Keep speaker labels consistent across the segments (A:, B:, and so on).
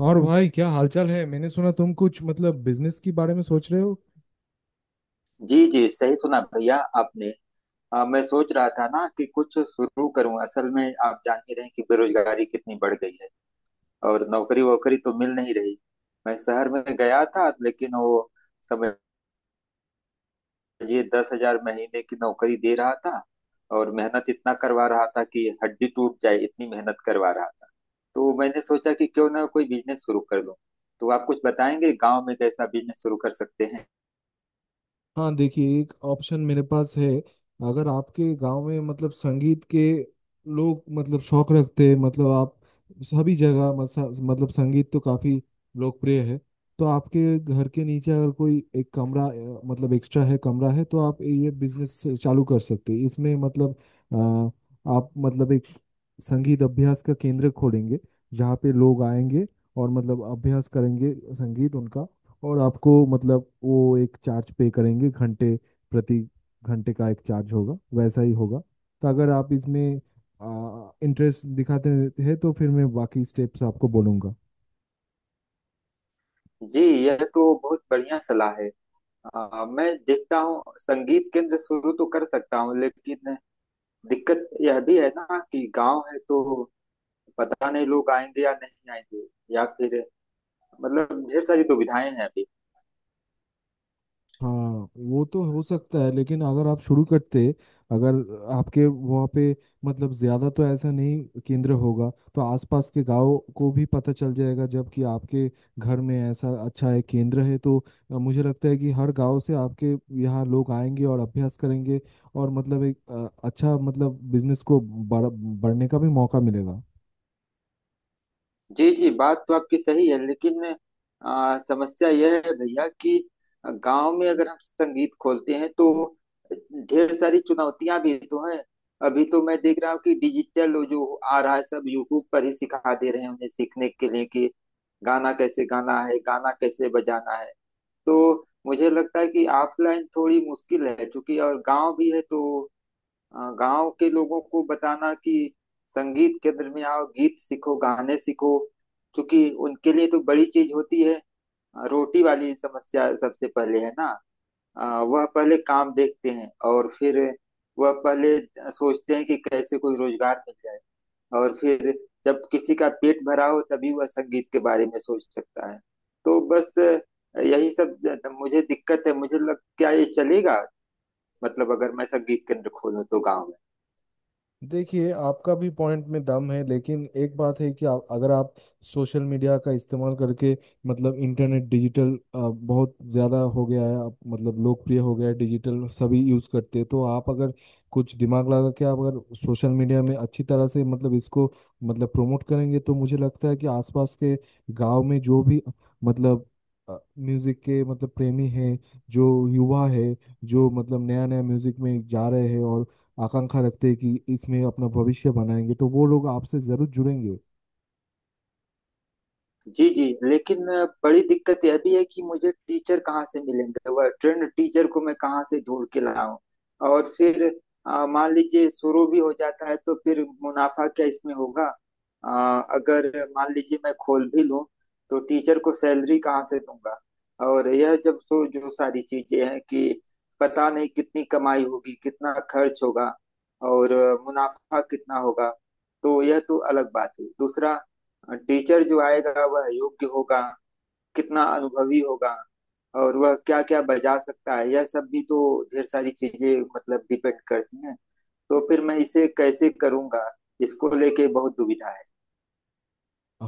A: और भाई क्या हालचाल है? मैंने सुना तुम कुछ मतलब बिजनेस के बारे में सोच रहे हो।
B: जी जी, सही सुना भैया आपने। मैं सोच रहा था ना कि कुछ शुरू करूं। असल में आप जान ही रहे हैं कि बेरोजगारी कितनी बढ़ गई है और नौकरी वोकरी तो मिल नहीं रही। मैं शहर में गया था, लेकिन वो समझिए 10,000 महीने की नौकरी दे रहा था और मेहनत इतना करवा रहा था कि हड्डी टूट जाए, इतनी मेहनत करवा रहा था। तो मैंने सोचा कि क्यों ना कोई बिजनेस शुरू कर लूं। तो आप कुछ बताएंगे गांव में कैसा बिजनेस शुरू कर सकते हैं।
A: हाँ देखिए, एक ऑप्शन मेरे पास है। अगर आपके गांव में मतलब संगीत के लोग मतलब शौक रखते हैं, मतलब आप सभी जगह मतलब संगीत तो काफी लोकप्रिय है। तो आपके घर के नीचे अगर कोई एक कमरा मतलब एक्स्ट्रा है, कमरा है, तो आप ये बिजनेस चालू कर सकते हैं। इसमें मतलब अ, आप मतलब एक संगीत अभ्यास का केंद्र खोलेंगे जहाँ पे लोग आएंगे और मतलब अभ्यास करेंगे संगीत उनका। और आपको मतलब वो एक चार्ज पे करेंगे, घंटे प्रति घंटे का एक चार्ज होगा, वैसा ही होगा। तो अगर आप इसमें इंटरेस्ट दिखाते हैं तो फिर मैं बाकी स्टेप्स आपको बोलूँगा।
B: जी, यह तो बहुत बढ़िया सलाह है। मैं देखता हूँ संगीत केंद्र शुरू तो कर सकता हूँ, लेकिन दिक्कत यह भी है ना कि गांव है तो पता नहीं लोग आएंगे या नहीं आएंगे। या फिर मतलब ढेर सारी दुविधाएं हैं अभी।
A: हाँ, वो तो हो सकता है, लेकिन अगर आप शुरू करते, अगर आपके वहाँ पे मतलब ज़्यादा तो ऐसा नहीं केंद्र होगा तो आसपास के गांव को भी पता चल जाएगा। जबकि आपके घर में ऐसा अच्छा है केंद्र है तो मुझे लगता है कि हर गांव से आपके यहाँ लोग आएंगे और अभ्यास करेंगे। और मतलब एक अच्छा मतलब बिजनेस को बढ़ने का भी मौका मिलेगा।
B: जी जी, बात तो आपकी सही है, लेकिन समस्या यह है भैया कि गांव में अगर हम संगीत खोलते हैं तो ढेर सारी चुनौतियां भी तो हैं। अभी तो मैं देख रहा हूँ कि डिजिटल जो आ रहा है, सब यूट्यूब पर ही सिखा दे रहे हैं उन्हें सीखने के लिए कि गाना कैसे गाना है, गाना कैसे बजाना है। तो मुझे लगता है कि ऑफलाइन थोड़ी मुश्किल है, चूंकि और गांव भी है तो गांव के लोगों को बताना कि संगीत केंद्र में आओ, गीत सीखो, गाने सीखो, क्योंकि उनके लिए तो बड़ी चीज होती है रोटी वाली समस्या सबसे पहले है ना। अ, वह पहले काम देखते हैं और फिर वह पहले सोचते हैं कि कैसे कोई रोजगार मिल जाए। और फिर जब किसी का पेट भरा हो, तभी वह संगीत के बारे में सोच सकता है। तो बस यही सब मुझे दिक्कत है। मुझे लग, क्या ये चलेगा? मतलब अगर मैं संगीत केंद्र खोलूं तो गाँव में।
A: देखिए, आपका भी पॉइंट में दम है लेकिन एक बात है कि आप अगर आप सोशल मीडिया का इस्तेमाल करके मतलब इंटरनेट डिजिटल बहुत ज़्यादा हो गया है, आप मतलब लोकप्रिय हो गया है, डिजिटल सभी यूज़ करते हैं। तो आप अगर कुछ दिमाग लगा के, आप अगर सोशल मीडिया में अच्छी तरह से मतलब इसको मतलब प्रमोट करेंगे तो मुझे लगता है कि आसपास के गांव में जो भी मतलब म्यूज़िक के मतलब प्रेमी हैं, जो युवा है, जो मतलब नया नया म्यूज़िक में जा रहे हैं और आकांक्षा रखते हैं कि इसमें अपना भविष्य बनाएंगे, तो वो लोग आपसे जरूर जुड़ेंगे।
B: जी, जी, लेकिन बड़ी दिक्कत यह भी है कि मुझे टीचर कहाँ से मिलेंगे? वह ट्रेंड टीचर को मैं कहाँ से ढूंढ के लाऊं? और फिर मान लीजिए शुरू भी हो जाता है तो फिर मुनाफा क्या इसमें होगा? अ, अगर मान लीजिए मैं खोल भी लूं, तो टीचर को सैलरी कहाँ से दूंगा? और यह जब सो जो सारी चीजें हैं कि पता नहीं कितनी कमाई होगी, कितना खर्च होगा और मुनाफा कितना होगा, तो यह तो अलग बात है। दूसरा, टीचर जो आएगा वह योग्य होगा, कितना अनुभवी होगा और वह क्या क्या बजा सकता है, यह सब भी तो ढेर सारी चीजें मतलब डिपेंड करती हैं। तो फिर मैं इसे कैसे करूंगा? इसको लेके बहुत दुविधा।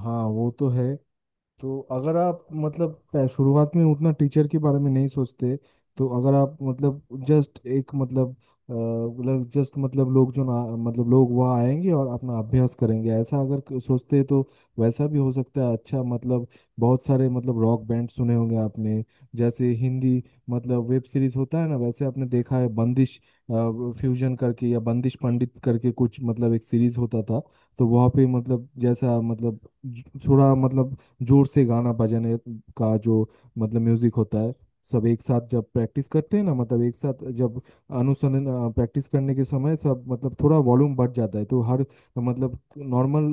A: हाँ, वो तो है। तो अगर आप मतलब शुरुआत में उतना टीचर के बारे में नहीं सोचते, तो अगर आप मतलब जस्ट एक मतलब जस्ट मतलब लोग जो ना मतलब लोग वहाँ आएंगे और अपना अभ्यास करेंगे, ऐसा अगर सोचते तो वैसा भी हो सकता है। अच्छा, मतलब बहुत सारे मतलब रॉक बैंड सुने होंगे आपने, जैसे हिंदी मतलब वेब सीरीज होता है ना, वैसे आपने देखा है बंदिश फ्यूजन करके या बंदिश पंडित करके, कुछ मतलब एक सीरीज होता था। तो वहाँ पे मतलब जैसा मतलब थोड़ा मतलब जोर से गाना बजाने का जो मतलब म्यूजिक होता है, सब एक साथ जब प्रैक्टिस करते हैं ना, मतलब एक साथ जब अनुसंधान प्रैक्टिस करने के समय सब मतलब थोड़ा वॉल्यूम बढ़ जाता है। तो हर मतलब नॉर्मल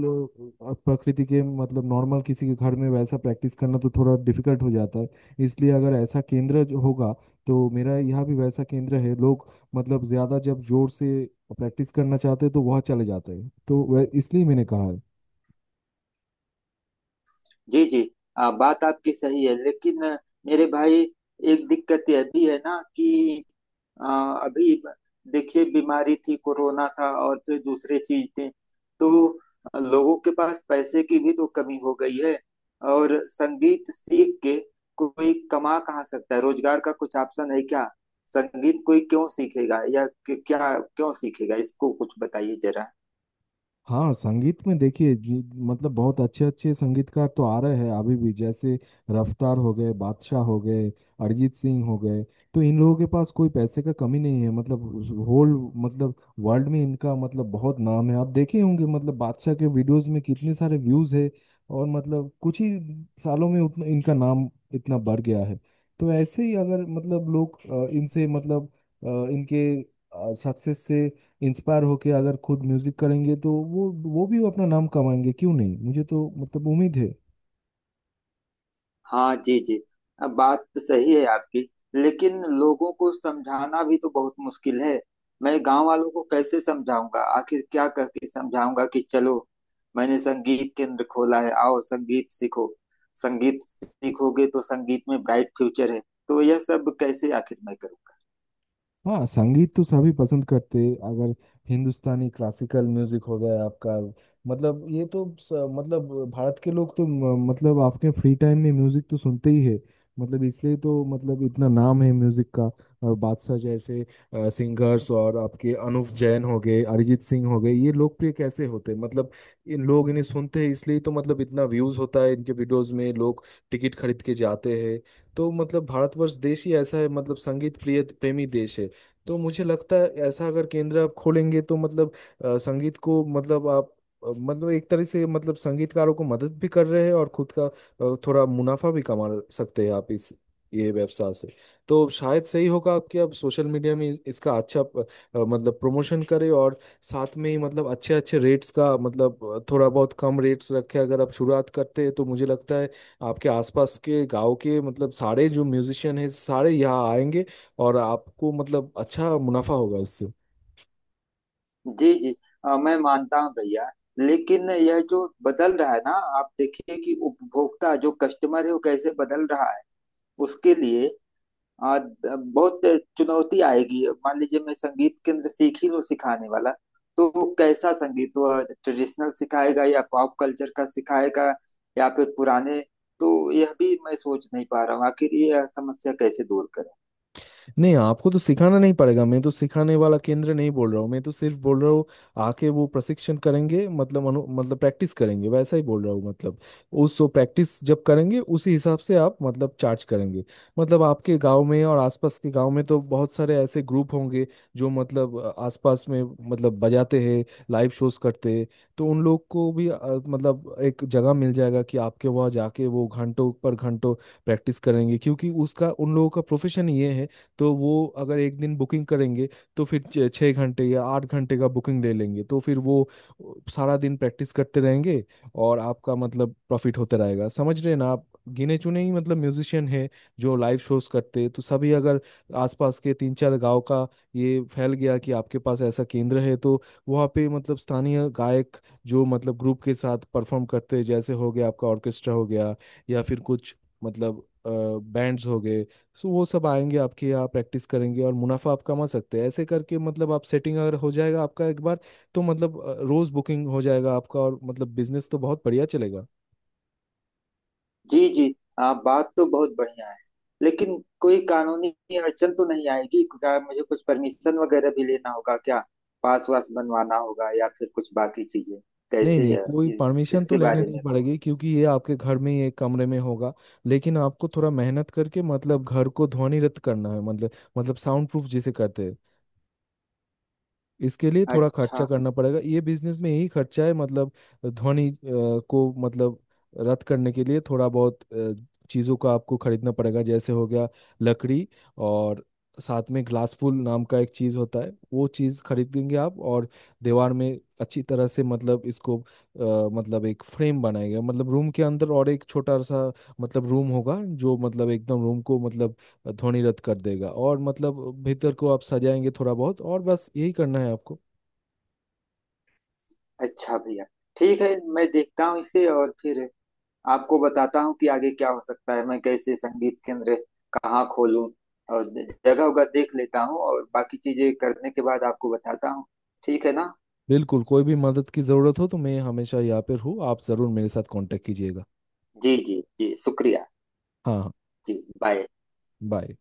A: प्रकृति के मतलब नॉर्मल किसी के घर में वैसा प्रैक्टिस करना तो थोड़ा डिफिकल्ट हो जाता है। इसलिए अगर ऐसा केंद्र जो होगा, तो मेरा यहाँ भी वैसा केंद्र है, लोग मतलब ज़्यादा जब जोर से प्रैक्टिस करना चाहते हैं तो वह चले जाते हैं। तो वह इसलिए मैंने कहा है।
B: जी जी, बात आपकी सही है, लेकिन मेरे भाई एक दिक्कत यह भी है ना कि आ, अभी ब- देखिए बीमारी थी, कोरोना था और फिर दूसरे चीज थे। तो लोगों के पास पैसे की भी तो कमी हो गई है और संगीत सीख के कोई कमा कहाँ सकता है? रोजगार का कुछ ऑप्शन है क्या? संगीत कोई क्यों सीखेगा, या क्या क्यों सीखेगा? इसको कुछ बताइए जरा।
A: हाँ, संगीत में देखिए, मतलब बहुत अच्छे अच्छे संगीतकार तो आ रहे हैं अभी भी, जैसे रफ्तार हो गए, बादशाह हो गए, अरिजीत सिंह हो गए। तो इन लोगों के पास कोई पैसे का कमी नहीं है। मतलब होल मतलब वर्ल्ड में इनका मतलब बहुत नाम है। आप देखे होंगे मतलब बादशाह के वीडियोस में कितने सारे व्यूज है। और मतलब कुछ ही सालों में उतना इनका नाम इतना बढ़ गया है। तो ऐसे ही अगर मतलब लोग इनसे मतलब इनके सक्सेस से इंस्पायर होके अगर खुद म्यूजिक करेंगे तो वो भी अपना नाम कमाएंगे, क्यों नहीं? मुझे तो मतलब उम्मीद है।
B: हाँ जी जी, अब बात तो सही है आपकी, लेकिन लोगों को समझाना भी तो बहुत मुश्किल है। मैं गांव वालों को कैसे समझाऊंगा? आखिर क्या कह के समझाऊंगा कि चलो मैंने संगीत केंद्र खोला है, आओ संगीत सीखो, संगीत सीखोगे तो संगीत में ब्राइट फ्यूचर है। तो यह सब कैसे आखिर मैं करूँगा?
A: हाँ, संगीत तो सभी पसंद करते हैं। अगर हिंदुस्तानी क्लासिकल म्यूजिक हो गया आपका, मतलब ये तो मतलब भारत के लोग तो मतलब अपने फ्री टाइम में म्यूजिक तो सुनते ही है। मतलब इसलिए तो मतलब इतना नाम है म्यूजिक का। और बादशाह जैसे सिंगर्स, और आपके अनुव जैन हो गए, अरिजीत सिंह हो गए, ये लोकप्रिय कैसे होते हैं? मतलब इन लोग इन्हें सुनते हैं, इसलिए तो मतलब इतना व्यूज होता है इनके वीडियोस में। लोग टिकट खरीद के जाते हैं। तो मतलब भारतवर्ष देश ही ऐसा है, मतलब संगीत प्रिय प्रेमी देश है। तो मुझे लगता है ऐसा अगर केंद्र आप खोलेंगे तो मतलब संगीत को मतलब आप मतलब एक तरह से मतलब संगीतकारों को मदद भी कर रहे हैं और खुद का थोड़ा मुनाफा भी कमा सकते हैं आप इस ये व्यवसाय से। तो शायद सही होगा आपके। आप सोशल मीडिया में इसका अच्छा मतलब प्रमोशन करें, और साथ में ही मतलब अच्छे अच्छे रेट्स का मतलब थोड़ा बहुत कम रेट्स रखें अगर आप शुरुआत करते हैं तो मुझे लगता है आपके आसपास के गांव के मतलब सारे जो म्यूजिशियन हैं सारे यहाँ आएंगे और आपको मतलब अच्छा मुनाफा होगा इससे।
B: जी जी, मैं मानता हूँ भैया, लेकिन यह जो बदल रहा है ना, आप देखिए कि उपभोक्ता जो कस्टमर है वो कैसे बदल रहा है। उसके लिए आ, बहुत चुनौती आएगी। मान लीजिए मैं संगीत केंद्र सीख ही लूं सिखाने वाला, तो वो कैसा संगीत? वो ट्रेडिशनल सिखाएगा या पॉप कल्चर का सिखाएगा, या फिर पुराने? तो यह भी मैं सोच नहीं पा रहा हूँ आखिर ये समस्या कैसे दूर करें।
A: नहीं, आपको तो सिखाना नहीं पड़ेगा, मैं तो सिखाने वाला केंद्र नहीं बोल रहा हूँ। मैं तो सिर्फ बोल रहा हूँ आके वो प्रशिक्षण करेंगे, मतलब अनु मतलब प्रैक्टिस करेंगे, वैसा ही बोल रहा हूँ। मतलब उस वो प्रैक्टिस जब करेंगे उसी हिसाब से आप मतलब चार्ज करेंगे। मतलब आपके गांव में और आसपास के गांव में तो बहुत सारे ऐसे ग्रुप होंगे जो मतलब आसपास में मतलब बजाते हैं, लाइव शोज करते हैं। तो उन लोग को भी मतलब एक जगह मिल जाएगा कि आपके वहाँ जाके वो घंटों पर घंटों प्रैक्टिस करेंगे क्योंकि उसका उन लोगों का प्रोफेशन ये है। तो वो अगर एक दिन बुकिंग करेंगे तो फिर छः घंटे या आठ घंटे का बुकिंग ले लेंगे, तो फिर वो सारा दिन प्रैक्टिस करते रहेंगे और आपका मतलब प्रॉफिट होता रहेगा। समझ रहे हैं ना आप। गिने चुने ही मतलब म्यूजिशियन है जो लाइव शोज करते हैं। तो सभी, अगर आसपास के तीन चार गांव का ये फैल गया कि आपके पास ऐसा केंद्र है, तो वहाँ पे मतलब स्थानीय गायक, जो मतलब ग्रुप के साथ परफॉर्म करते हैं, जैसे हो गया आपका ऑर्केस्ट्रा हो गया, या फिर कुछ मतलब बैंड्स हो गए, सो वो सब आएंगे आपके यहाँ प्रैक्टिस करेंगे और मुनाफा आप कमा सकते हैं। ऐसे करके मतलब आप सेटिंग अगर हो जाएगा आपका एक बार, तो मतलब रोज बुकिंग हो जाएगा आपका और मतलब बिजनेस तो बहुत बढ़िया चलेगा।
B: जी जी, बात तो बहुत बढ़िया है, लेकिन कोई कानूनी अड़चन तो नहीं आएगी क्या? मुझे कुछ परमिशन वगैरह भी लेना होगा क्या? पास वास बनवाना होगा या फिर कुछ बाकी चीजें
A: नहीं
B: कैसे
A: नहीं,
B: है?
A: कोई
B: इ-
A: परमिशन तो
B: इसके
A: लेने
B: बारे
A: नहीं
B: में कुछ।
A: पड़ेगी क्योंकि ये आपके घर में ही एक कमरे में होगा। लेकिन आपको थोड़ा मेहनत करके मतलब घर को ध्वनिरत करना है, मतलब साउंड प्रूफ जिसे कहते हैं। इसके लिए थोड़ा खर्चा
B: अच्छा।
A: करना पड़ेगा, ये बिजनेस में यही खर्चा है। मतलब ध्वनि को मतलब रद्द करने के लिए थोड़ा बहुत चीज़ों का आपको खरीदना पड़ेगा, जैसे हो गया लकड़ी, और साथ में ग्लासफुल नाम का एक चीज़ होता है, वो चीज़ खरीदेंगे आप। और दीवार में अच्छी तरह से मतलब इसको मतलब एक फ्रेम बनाएगा मतलब रूम के अंदर, और एक छोटा सा मतलब रूम होगा जो मतलब एकदम रूम को मतलब ध्वनि रद्द कर देगा, और मतलब भीतर को आप सजाएंगे थोड़ा बहुत। और बस यही करना है आपको।
B: अच्छा भैया, ठीक है, मैं देखता हूँ इसे और फिर आपको बताता हूँ कि आगे क्या हो सकता है। मैं कैसे संगीत केंद्र कहाँ खोलूँ और जगह वगह देख लेता हूँ और बाकी चीजें करने के बाद आपको बताता हूँ। ठीक है ना।
A: बिल्कुल, कोई भी मदद की ज़रूरत हो तो मैं हमेशा यहाँ पर हूँ, आप ज़रूर मेरे साथ कांटेक्ट कीजिएगा।
B: जी जी जी, शुक्रिया।
A: हाँ हाँ,
B: जी। बाय।
A: बाय।